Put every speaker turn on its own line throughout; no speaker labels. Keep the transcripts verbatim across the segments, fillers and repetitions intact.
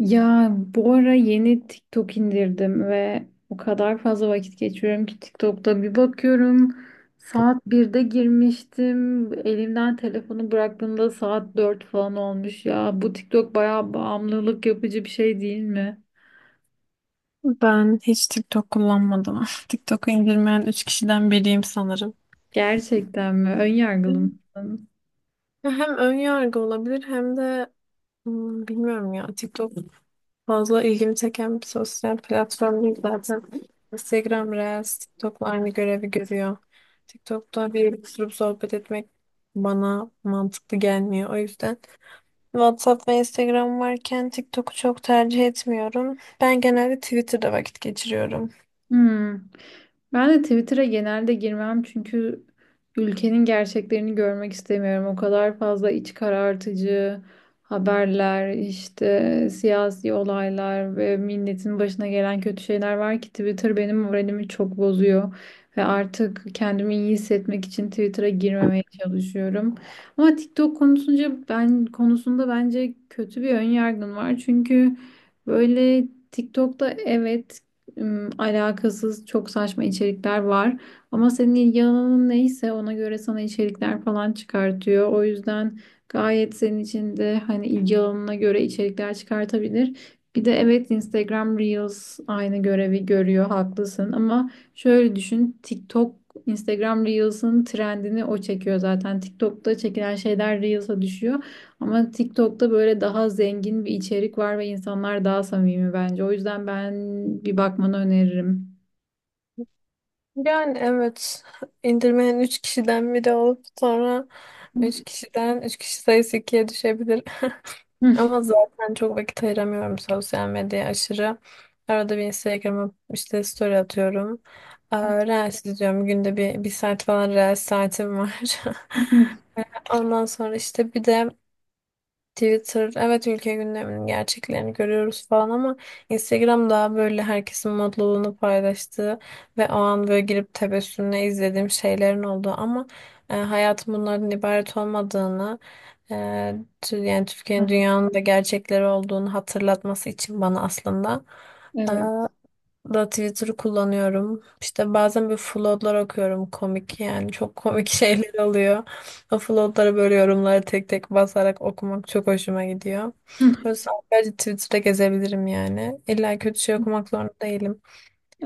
Ya bu ara yeni TikTok indirdim ve o kadar fazla vakit geçiriyorum ki TikTok'ta bir bakıyorum saat birde girmiştim, elimden telefonu bıraktığımda saat dört falan olmuş. Ya bu TikTok bayağı bağımlılık yapıcı bir şey, değil mi?
Ben hiç TikTok kullanmadım. TikTok'u indirmeyen üç kişiden biriyim sanırım.
Gerçekten mi? Ön yargılı mısın?
Ya, hem ön yargı olabilir hem de hmm, bilmiyorum ya, TikTok fazla ilgimi çeken bir sosyal platform değil zaten. Instagram Reels TikTok'la aynı görevi görüyor. TikTok'ta bir oturup sohbet etmek bana mantıklı gelmiyor. O yüzden WhatsApp ve Instagram varken TikTok'u çok tercih etmiyorum. Ben genelde Twitter'da vakit geçiriyorum.
Hmm. Ben de Twitter'a genelde girmem çünkü ülkenin gerçeklerini görmek istemiyorum. O kadar fazla iç karartıcı haberler, işte siyasi olaylar ve milletin başına gelen kötü şeyler var ki Twitter benim moralimi çok bozuyor ve artık kendimi iyi hissetmek için Twitter'a girmemeye çalışıyorum. Ama TikTok konusunca ben konusunda bence kötü bir ön yargım var. Çünkü böyle TikTok'ta evet, ım, alakasız çok saçma içerikler var. Ama senin ilgi alanın neyse ona göre sana içerikler falan çıkartıyor. O yüzden gayet senin için de hani ilgi alanına göre içerikler çıkartabilir. Bir de evet, Instagram Reels aynı görevi görüyor, haklısın, ama şöyle düşün, TikTok Instagram Reels'ın trendini o çekiyor zaten. TikTok'ta çekilen şeyler Reels'a düşüyor. Ama TikTok'ta böyle daha zengin bir içerik var ve insanlar daha samimi bence. O yüzden ben bir bakmanı öneririm.
Yani evet, indirmeyen üç kişiden biri olup sonra üç kişiden üç kişi sayısı ikiye düşebilir. Ama zaten çok vakit ayıramıyorum sosyal medyaya aşırı. Arada bir Instagram'a işte story atıyorum. Aa, Reels izliyorum. Günde bir, bir saat falan Reels saatim var. Ondan sonra işte bir de Twitter, evet ülke gündeminin gerçeklerini görüyoruz falan ama Instagram daha böyle herkesin mutluluğunu paylaştığı ve o an böyle girip tebessümle izlediğim şeylerin olduğu ama e, hayatın bunlardan ibaret olmadığını, e, tü- yani Türkiye'nin dünyanın da gerçekleri olduğunu hatırlatması için bana aslında e,
Evet.
da Twitter'ı kullanıyorum. İşte bazen bir floodlar okuyorum komik yani çok komik şeyler oluyor. O floodlara böyle yorumları tek tek basarak okumak çok hoşuma gidiyor. Böyle sadece Twitter'da gezebilirim yani. İlla kötü şey okumak zorunda değilim.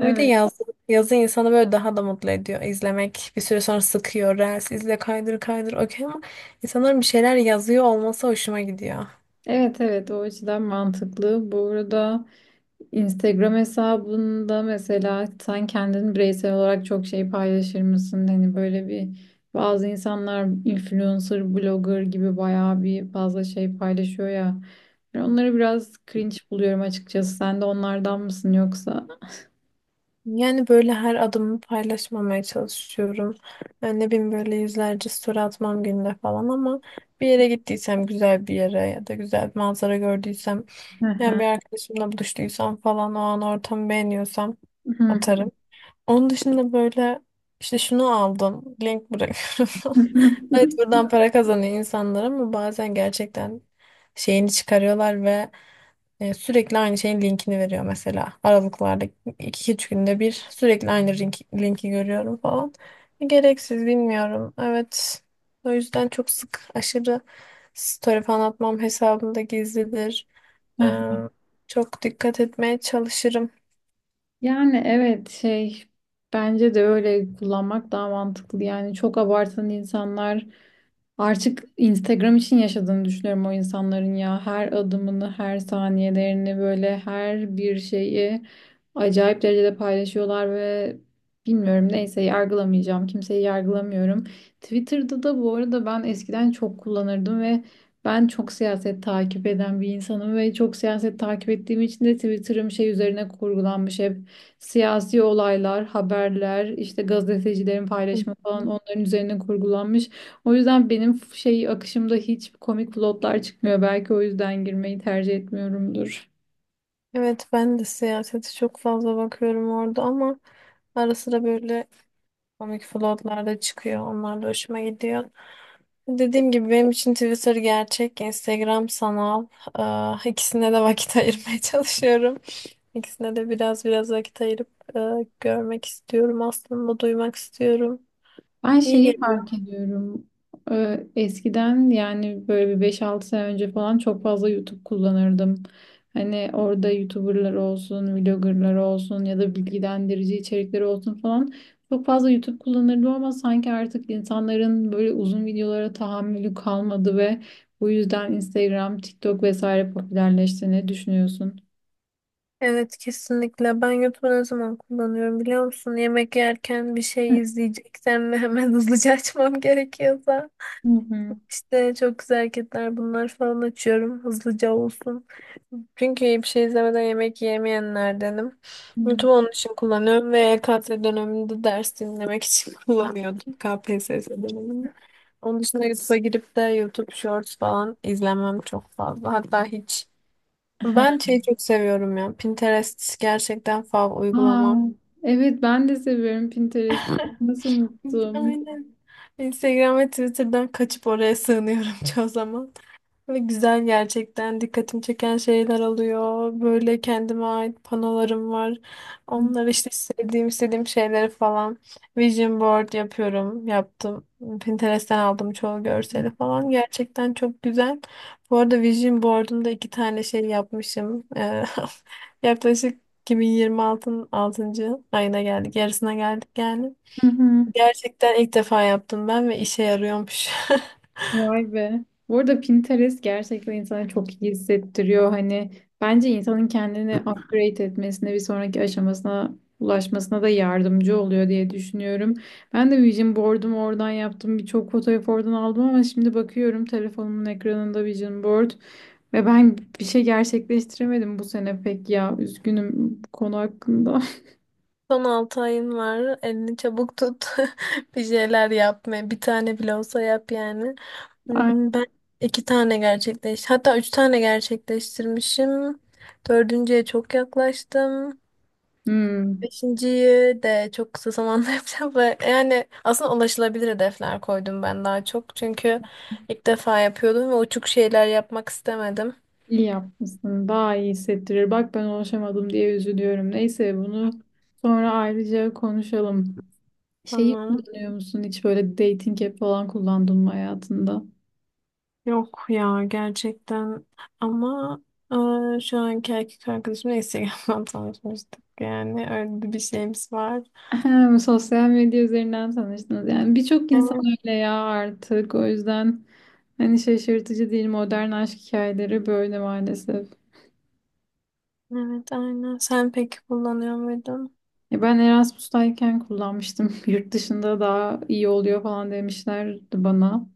Bir de yazı, yazı insanı böyle daha da mutlu ediyor. İzlemek bir süre sonra sıkıyor. Reels izle kaydır kaydır okey ama insanların bir şeyler yazıyor olması hoşuma gidiyor.
Evet evet, o açıdan mantıklı. Bu arada Instagram hesabında mesela sen kendin bireysel olarak çok şey paylaşır mısın? Hani böyle bir bazı insanlar influencer, blogger gibi bayağı bir fazla şey paylaşıyor ya. Ben onları biraz cringe buluyorum açıkçası. Sen de onlardan mısın yoksa?
Yani böyle her adımı paylaşmamaya çalışıyorum. Yani ne bileyim böyle yüzlerce story atmam günde falan ama bir yere gittiysem güzel bir yere ya da güzel bir manzara gördüysem
Hı
yani
hı.
bir arkadaşımla buluştuysam falan o an ortamı beğeniyorsam atarım. Onun dışında böyle işte şunu aldım. Link bırakıyorum.
Hı
Evet, buradan para kazanıyor insanlar ama bazen gerçekten şeyini çıkarıyorlar ve e, sürekli aynı şeyin linkini veriyor mesela. Aralıklarda iki üç günde bir sürekli aynı link, linki görüyorum falan. Gereksiz bilmiyorum. Evet. O yüzden çok sık aşırı story falan atmam, hesabımda gizlidir. Ee,
hı.
çok dikkat etmeye çalışırım.
Yani evet, şey, bence de öyle kullanmak daha mantıklı. Yani çok abartan insanlar artık Instagram için yaşadığını düşünüyorum o insanların ya. Her adımını, her saniyelerini böyle her bir şeyi acayip derecede paylaşıyorlar ve bilmiyorum, neyse, yargılamayacağım. Kimseyi yargılamıyorum. Twitter'da da bu arada ben eskiden çok kullanırdım ve ben çok siyaset takip eden bir insanım ve çok siyaset takip ettiğim için de Twitter'ım şey üzerine kurgulanmış hep. Siyasi olaylar, haberler, işte gazetecilerin paylaşımı
Hı.
falan, onların üzerine kurgulanmış. O yüzden benim şey akışımda hiç komik plotlar çıkmıyor. Belki o yüzden girmeyi tercih etmiyorumdur.
Evet, ben de siyasete çok fazla bakıyorum orada ama ara sıra böyle komik vloglar da çıkıyor. Onlar da hoşuma gidiyor. Dediğim gibi benim için Twitter gerçek, Instagram sanal. Ee, ikisine de vakit ayırmaya çalışıyorum. İkisine de biraz biraz vakit ayırıp e, görmek istiyorum aslında, duymak istiyorum.
Ben
İyi
şeyi
geliyor.
fark ediyorum. Ee, Eskiden yani böyle bir beş altı sene önce falan çok fazla YouTube kullanırdım. Hani orada YouTuber'lar olsun, vlogger'lar olsun ya da bilgilendirici içerikleri olsun falan. Çok fazla YouTube kullanırdım ama sanki artık insanların böyle uzun videolara tahammülü kalmadı ve bu yüzden Instagram, TikTok vesaire popülerleşti. Ne düşünüyorsun?
Evet, kesinlikle. Ben YouTube'u ne zaman kullanıyorum biliyor musun? Yemek yerken bir şey izleyeceksem ve hemen hızlıca açmam gerekiyorsa.
Hı hı.
İşte çok güzel hareketler bunlar falan açıyorum. Hızlıca olsun. Çünkü bir şey izlemeden yemek yemeyenlerdenim.
Hı.
YouTube onun için kullanıyorum ve E K T döneminde ders dinlemek için kullanıyordum. K P S S döneminde. Onun dışında YouTube'a girip de YouTube Shorts falan izlemem çok fazla. Hatta hiç. Ben şeyi çok seviyorum ya. Pinterest gerçekten fav
Aa,
uygulamam.
evet, ben de seviyorum Pinterest'i. Nasıl unuttum?
Aynen. Instagram ve Twitter'dan kaçıp oraya sığınıyorum çoğu zaman. Ve güzel, gerçekten dikkatimi çeken şeyler oluyor. Böyle kendime ait panolarım var.
Hı
Onları işte istediğim istediğim şeyleri falan vision board yapıyorum. Yaptım. Pinterest'ten aldım çoğu görseli falan. Gerçekten çok güzel. Bu arada vision board'umda iki tane şey yapmışım. Eee, Yaklaşık iki bin yirmi altının altıncı ayına geldik. Yarısına geldik yani.
hı.
Gerçekten ilk defa yaptım ben ve işe yarıyormuş.
Vay be. Bu arada Pinterest gerçekten insana çok iyi hissettiriyor. Hani bence insanın kendini upgrade etmesine, bir sonraki aşamasına ulaşmasına da yardımcı oluyor diye düşünüyorum. Ben de vision board'umu oradan yaptım. Birçok fotoğraf oradan aldım ama şimdi bakıyorum telefonumun ekranında vision board ve ben bir şey gerçekleştiremedim bu sene pek ya. Üzgünüm bu konu hakkında.
Son altı ayın var. Elini çabuk tut. Bir şeyler yapma. Bir tane bile olsa yap yani.
Ay.
Hmm, Ben iki tane gerçekleş. Hatta üç tane gerçekleştirmişim. Dördüncüye çok yaklaştım.
Hmm.
Beşinciyi de çok kısa zamanda yapacağım ve yani aslında ulaşılabilir hedefler koydum ben daha çok. Çünkü ilk defa yapıyordum ve uçuk şeyler yapmak istemedim.
İyi yapmışsın. Daha iyi hissettirir. Bak ben ulaşamadım diye üzülüyorum. Neyse, bunu sonra ayrıca konuşalım. Şeyi
Tamam.
kullanıyor musun? Hiç böyle dating app falan kullandın mı hayatında?
Yok ya, gerçekten, ama e, şu anki erkek arkadaşım Instagram'dan tanışmıştık, yani öyle bir şeyimiz var.
Ahem, sosyal medya üzerinden tanıştınız. Yani birçok insan
Evet,
öyle ya artık. O yüzden hani şaşırtıcı değil, modern aşk hikayeleri böyle maalesef.
evet aynen. Sen peki kullanıyor muydun?
Ya ben Erasmus'tayken kullanmıştım. Yurt dışında daha iyi oluyor falan demişlerdi bana.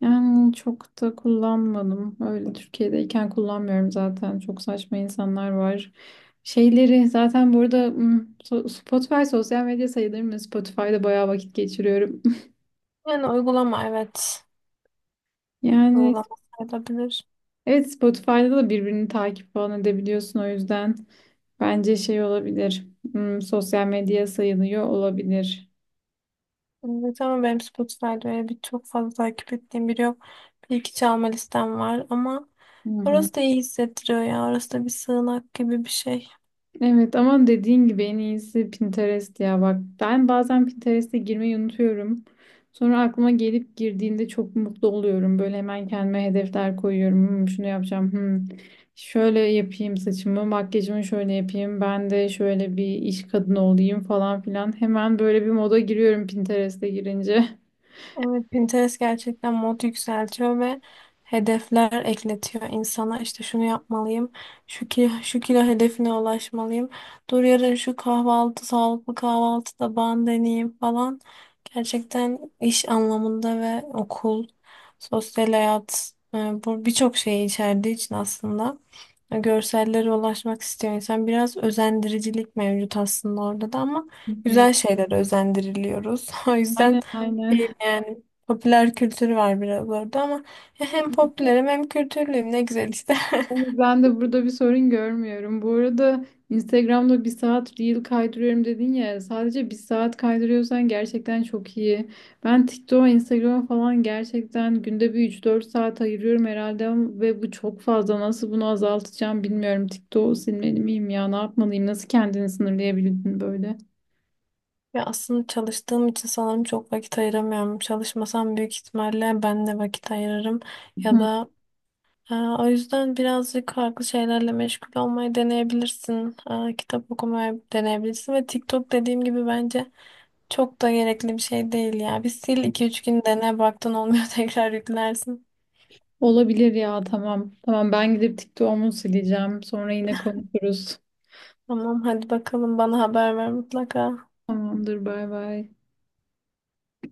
Yani çok da kullanmadım. Öyle Türkiye'deyken kullanmıyorum zaten. Çok saçma insanlar var. Şeyleri zaten burada hmm, so- Spotify sosyal medya sayılır mı? Spotify'da bayağı vakit geçiriyorum.
Yani uygulama, evet.
Yani
Uygulama sayılabilir.
evet, Spotify'da da birbirini takip falan edebiliyorsun, o yüzden bence şey olabilir. Hmm, sosyal medya sayılıyor olabilir.
Evet ama benim Spotify'da öyle bir çok fazla takip ettiğim biri yok. Bir iki çalma listem var ama
Hı hı.
orası da iyi hissettiriyor ya. Orası da bir sığınak gibi bir şey.
Evet ama dediğin gibi en iyisi Pinterest ya, bak ben bazen Pinterest'e girmeyi unutuyorum. Sonra aklıma gelip girdiğinde çok mutlu oluyorum. Böyle hemen kendime hedefler koyuyorum. Hmm, şunu yapacağım. Hmm, şöyle yapayım saçımı, makyajımı şöyle yapayım. Ben de şöyle bir iş kadını olayım falan filan. Hemen böyle bir moda giriyorum Pinterest'e girince.
Evet, Pinterest gerçekten mod yükseltiyor ve hedefler ekletiyor insana. İşte şunu yapmalıyım, şu kilo, şu kilo hedefine ulaşmalıyım. Dur yarın şu kahvaltı, sağlıklı kahvaltıda ben deneyeyim falan. Gerçekten iş anlamında ve okul, sosyal hayat, e, bu birçok şeyi içerdiği için aslında e, görsellere ulaşmak istiyor insan. Biraz özendiricilik mevcut aslında orada da ama
Hı hı.
güzel şeylere özendiriliyoruz. O yüzden
Aynen aynen.
şeyim yani. Popüler kültür var biraz orada ama ya hem popülerim hem kültürlüyüm, ne güzel işte.
Ben de burada bir sorun görmüyorum. Bu arada Instagram'da bir saat reel kaydırıyorum dedin ya. Sadece bir saat kaydırıyorsan gerçekten çok iyi. Ben TikTok'a, Instagram'a falan gerçekten günde bir üç dört saat ayırıyorum herhalde ve bu çok fazla. Nasıl bunu azaltacağım bilmiyorum. TikTok'u silmeli miyim ya? Ne yapmalıyım? Nasıl kendini sınırlayabildin böyle?
Ya aslında çalıştığım için sanırım çok vakit ayıramıyorum. Çalışmasam büyük ihtimalle ben de vakit ayırırım. Ya
Hı.
da e, o yüzden birazcık farklı şeylerle meşgul olmayı deneyebilirsin. E, kitap okumayı deneyebilirsin ve TikTok, dediğim gibi, bence çok da gerekli bir şey değil ya. Bir sil, iki üç gün dene, baktın olmuyor tekrar yüklersin.
Olabilir ya, tamam. Tamam, ben gidip TikTok'umu sileceğim. Sonra yine konuşuruz.
Tamam, hadi bakalım, bana haber ver mutlaka.
Tamamdır, bay bay.